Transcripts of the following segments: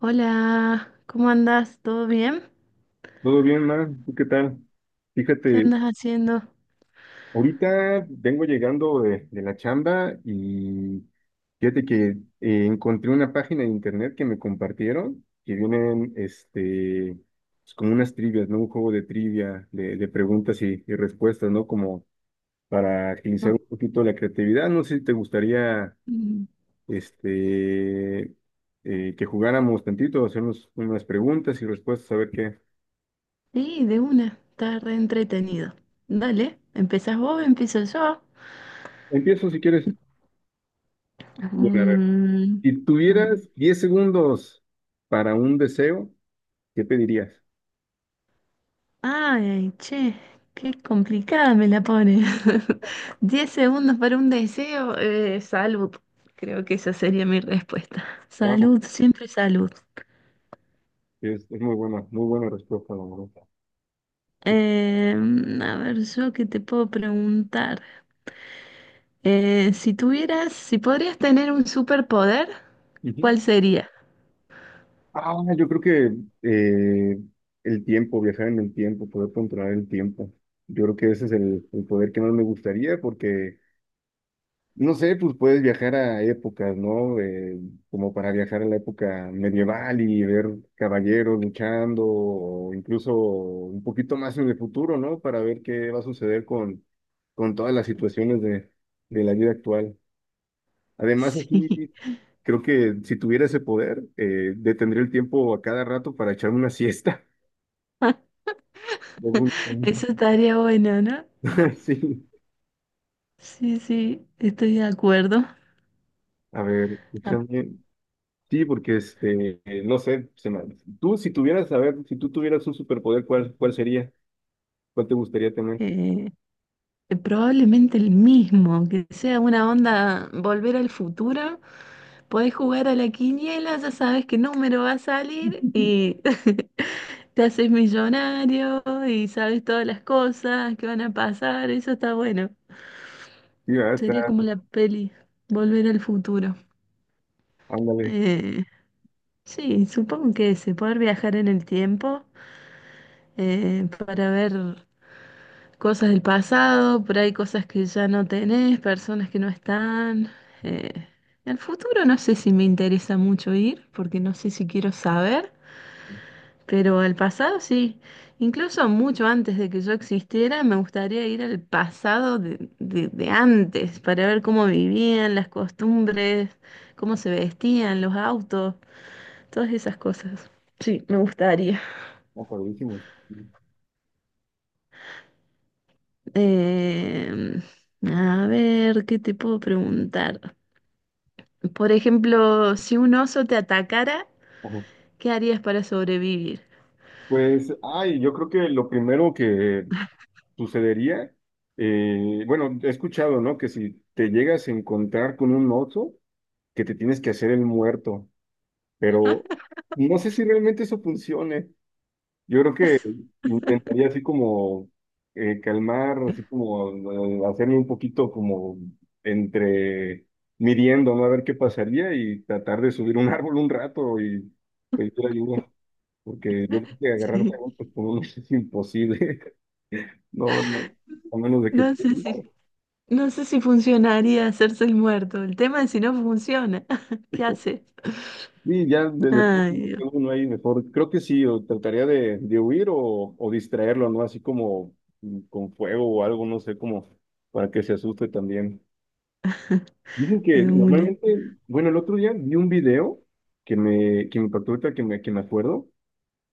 Hola, ¿cómo andás? ¿Todo bien? Todo bien, Mar, ¿tú qué tal? ¿Qué Fíjate, andas haciendo? ahorita vengo llegando de la chamba y fíjate que encontré una página de internet que me compartieron que vienen pues, como unas trivias, ¿no? Un juego de trivia, de preguntas y respuestas, ¿no? Como para agilizar No. un poquito la creatividad. No sé si te gustaría Mm, este, que jugáramos tantito, hacernos unas preguntas y respuestas, a ver qué. sí, de una, está re entretenido. Dale, ¿empezás vos? ¿Empiezo yo? Empiezo si quieres. Mm, Si tuvieras 10 segundos para un deseo, ¿qué pedirías? Ay, che, qué complicada me la pone. 10 segundos para un deseo, salud. Creo que esa sería mi respuesta. Wow, Salud, siempre salud. Es muy buena respuesta, la verdad. A ver, yo qué te puedo preguntar. Si podrías tener un superpoder, Ujú. ¿cuál sería? Ah, yo creo que eh, el tiempo, viajar en el tiempo, poder controlar el tiempo. Yo creo que ese es el poder que más me gustaría porque no sé, pues puedes viajar a épocas, ¿no? Como para viajar a la época medieval y ver caballeros luchando, o incluso un poquito más en el futuro, ¿no? Para ver qué va a suceder con todas las situaciones de la vida actual. Además, Sí, aquí creo que si tuviera ese poder, detendría el tiempo a cada rato para echarme una siesta. Luego un- eso estaría bueno, ¿no? Sí, Sí, sí, estoy de acuerdo. a ver, Ah. escúchame. Sí, porque no sé, tú si tuvieras, a ver, si tú tuvieras un superpoder, ¿cuál sería? ¿Cuál te gustaría tener? Eh, Probablemente el mismo, que sea una onda volver al futuro, podés jugar a la quiniela, ya sabes qué número va a salir y te haces millonario y sabes todas las cosas que van a pasar, eso está bueno. Sí, ah, Sería está, como la peli Volver al futuro. ándale, Eh, sí, supongo que ese, poder viajar en el tiempo para ver cosas del pasado, por ahí cosas que ya no tenés, personas que no están. Eh, el futuro no sé si me interesa mucho ir, porque no sé si quiero saber. Pero al pasado sí, incluso mucho antes de que yo existiera. Me gustaría ir al pasado de antes, para ver cómo vivían, las costumbres, cómo se vestían, los autos, todas esas cosas. Sí, me gustaría. mejorísimo. Em, a ver, ¿qué te puedo preguntar? Por ejemplo, si un oso te atacara, Ajá. ¿qué harías para sobrevivir? Pues, ay, yo creo que lo primero que sucedería, bueno, he escuchado, ¿no? Que si te llegas a encontrar con un oso, que te tienes que hacer el muerto, pero no sé si realmente eso funcione. Yo creo que intentaría así como calmar, así como hacerme un poquito como entre midiendo, ¿no? A ver qué pasaría y tratar de subir un árbol un rato y pedir ayuda, porque yo creo que agarrar a Sí. golpes con uno es imposible, no, no, a menos de que… No sé si no sé si funcionaría hacerse el muerto. El tema es si no funciona. ¿Qué hace? Y ya Ay, Dios, uno ahí mejor, creo que sí, o trataría de huir o distraerlo, ¿no? Así como con fuego o algo, no sé, como para que se asuste también. Dicen que de una. normalmente, bueno, el otro día vi un video que me impactó ahorita, que me acuerdo,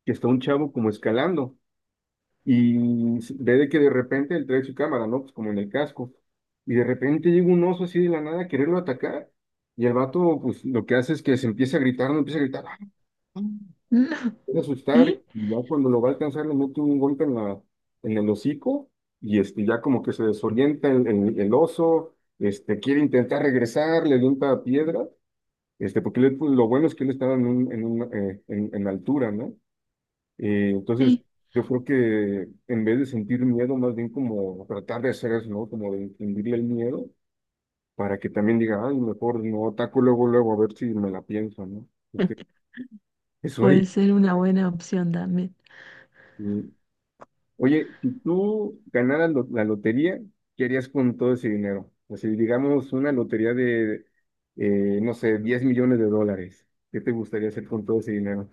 que está un chavo como escalando y ve de que de repente él trae su cámara, ¿no? Pues como en el casco. Y de repente llega un oso así de la nada a quererlo atacar. Y el vato, pues lo que hace es que se empieza a gritar, no empieza a gritar, puede No. asustar ¿Y? y ya cuando lo va a alcanzar le mete un golpe en la, en el hocico y ya como que se desorienta el oso, quiere intentar regresar, le avienta piedra, porque él, pues, lo bueno es que él estaba en, en, un, en altura, ¿no? Entonces Sí, yo creo que en vez de sentir miedo, más bien como tratar de hacer eso, ¿no? Como de infundirle el miedo para que también diga, ay, mejor no ataco luego, luego a ver si me la pienso, ¿no? Porque eso puede ahorita. ser una buena opción también. Oye, si tú ganaras la lotería, ¿qué harías con todo ese dinero? O sea, digamos una lotería de, no sé, 10 millones de dólares. ¿Qué te gustaría hacer con todo ese dinero?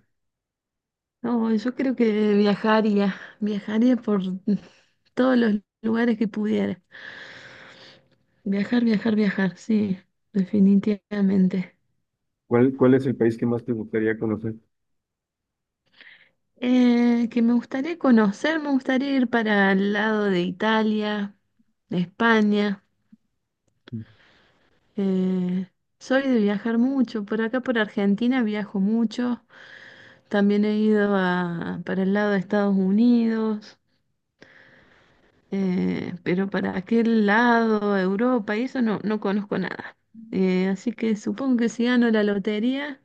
No, yo creo que viajaría. Viajaría por todos los lugares que pudiera. Viajar, viajar, viajar, sí, definitivamente. ¿Cuál, cuál es el país que más te gustaría conocer? Que me gustaría conocer, me gustaría ir para el lado de Italia, de España. Eh, Soy de viajar mucho, por acá por Argentina viajo mucho, también he ido a, para el lado de Estados Unidos, pero para aquel lado, Europa, y eso no, no conozco nada. Así que supongo que si gano la lotería,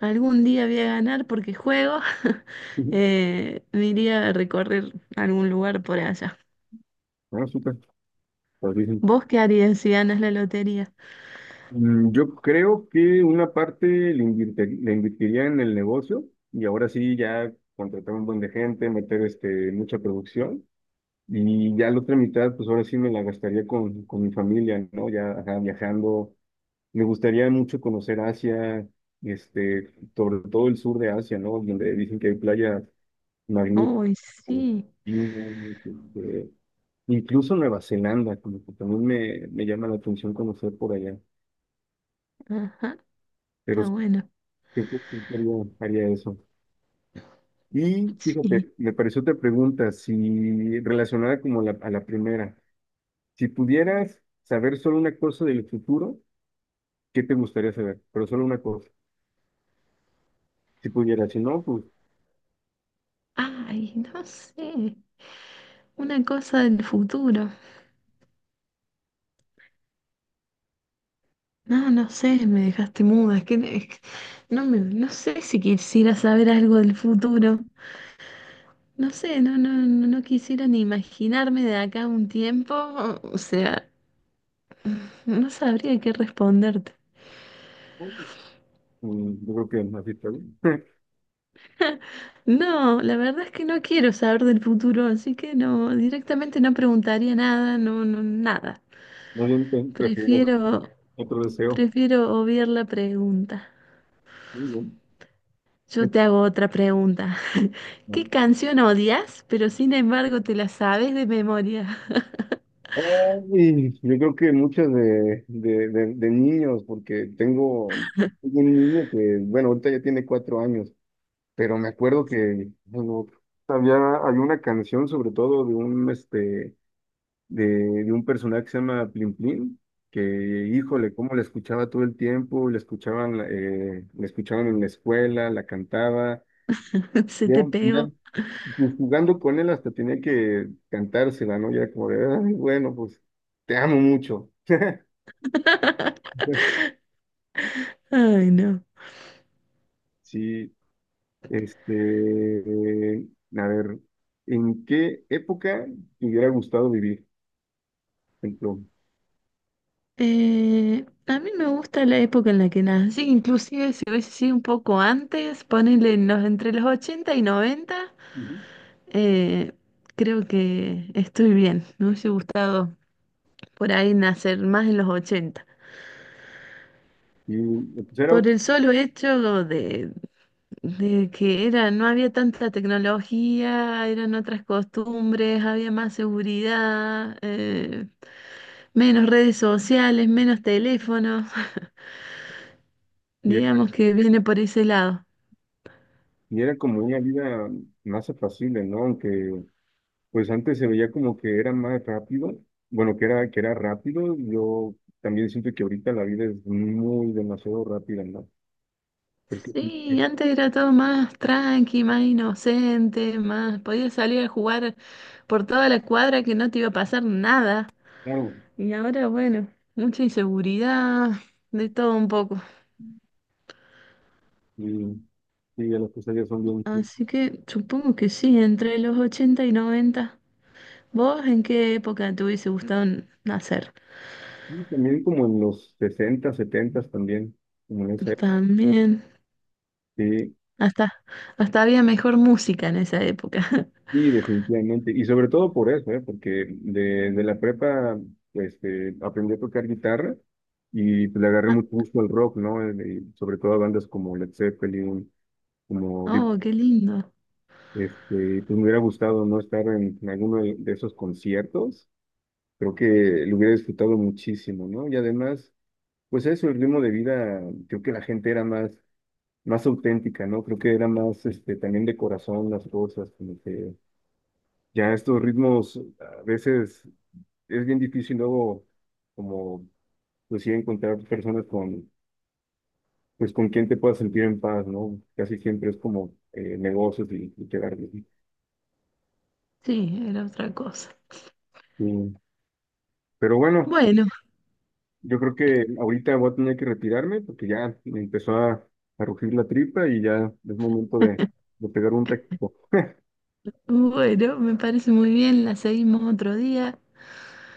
algún día voy a ganar porque juego, Ujú. Me iría a recorrer algún lugar por allá. Ah, súper, padrísimo. ¿Vos qué harías si ganas la lotería? Yo creo que una parte le invertiría en el negocio y ahora sí ya contratar un buen de gente, meter mucha producción. Y ya la otra mitad, pues ahora sí me la gastaría con mi familia, ¿no? Ya ajá, viajando. Me gustaría mucho conocer Asia, sobre todo el sur de Asia, ¿no? Donde dicen que hay playas magníficas, Uy, sí, China, este, incluso Nueva Zelanda, como que también me llama la atención conocer por allá. ajá, Pero está sí, bueno, creo que sí haría, haría eso. Y sí. fíjate, me pareció otra pregunta, si relacionada como a la primera. Si pudieras saber solo una cosa del futuro, ¿qué te gustaría saber? Pero solo una cosa. Si pudieras, si no, pues Ay, no sé. Una cosa del futuro. No, no sé, me dejaste muda. Es que no me, no sé si quisiera saber algo del futuro. No sé, no, no, no, no quisiera ni imaginarme de acá a un tiempo. O sea, no sabría qué responderte. Yo creo que así está bien. No, la verdad es que no quiero saber del futuro, así que no, directamente no preguntaría nada, no, no, nada. Más bien preferiría Prefiero, otro deseo. Prefiero obviar la pregunta. Muy bien. Eh, Yo te hago otra pregunta. ¿Qué No. canción odias, pero sin embargo te la sabes de memoria? Ay, yo creo que muchas de niños, porque tengo tengo un niño que, bueno, ahorita ya tiene 4 años, pero me acuerdo que bueno, había, hay una canción sobre todo de un de, de un personaje que se llama Plin Plin, que híjole, cómo la escuchaba todo el tiempo, la escuchaban en la escuela, la cantaba, Se ya, te ya, pegó. pues, jugando con él hasta tenía que cantársela, ¿no? Ya como de, "Ay, bueno, pues te amo mucho." Ay, no. Sí, este, eh, a ver, ¿en qué época te hubiera gustado vivir? Por ejemplo, A mí me gusta la época en la que nací, inclusive si hubiese sido un poco antes, ponele entre los 80 y 90. ujú. eh, Creo que estoy bien. Me hubiese gustado por ahí nacer más en los 80. y pues era, Por el solo hecho de que era, no había tanta tecnología, eran otras costumbres, había más seguridad, menos redes sociales, menos teléfonos, y era, digamos que viene por ese lado. y era como una vida más apacible, ¿no? Aunque pues antes se veía como que era más rápido, bueno, que era rápido, yo también siento que ahorita la vida es muy demasiado rápida, ¿no? Porque, sí, Sí, antes era todo más tranqui, más inocente, más podías salir a jugar por toda la cuadra que no te iba a pasar nada. claro, Y ahora, bueno, mucha inseguridad, de todo un poco. y, y las cosas ya son bien, sí, Así que supongo que sí, entre los 80 y 90. ¿Vos en qué época te hubiese gustado nacer? y también como en los 60, 70 también, como en esa época, También, sí, hasta, hasta había mejor música en esa época. y definitivamente, y sobre todo por eso, ¿eh? Porque de la prepa, pues, aprendí a tocar guitarra y pues, le agarré Ah. mucho gusto al rock, ¿no? Y sobre todo a bandas como Led Zeppelin, como Deep. Oh, qué lindo. Pues me hubiera gustado no estar en alguno de esos conciertos. Creo que lo hubiera disfrutado muchísimo, ¿no? Y además, pues eso, el ritmo de vida, creo que la gente era más, más auténtica, ¿no? Creo que era más, también de corazón las cosas, como que ya estos ritmos a veces es bien difícil luego, como, pues sí, encontrar personas con, pues con quien te puedas sentir en paz, ¿no? Casi siempre es como negocios y quedar bien. Sí, era otra cosa. Sí. Pero bueno. Bueno, Yo creo que ahorita voy a tener que retirarme porque ya me empezó a rugir la tripa y ya es momento de pegar un texto. bueno, me parece muy bien. La seguimos otro día.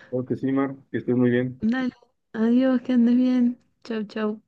Claro que sí, Mar, que estés muy bien. Dale, adiós, que andes bien. Chau, chau.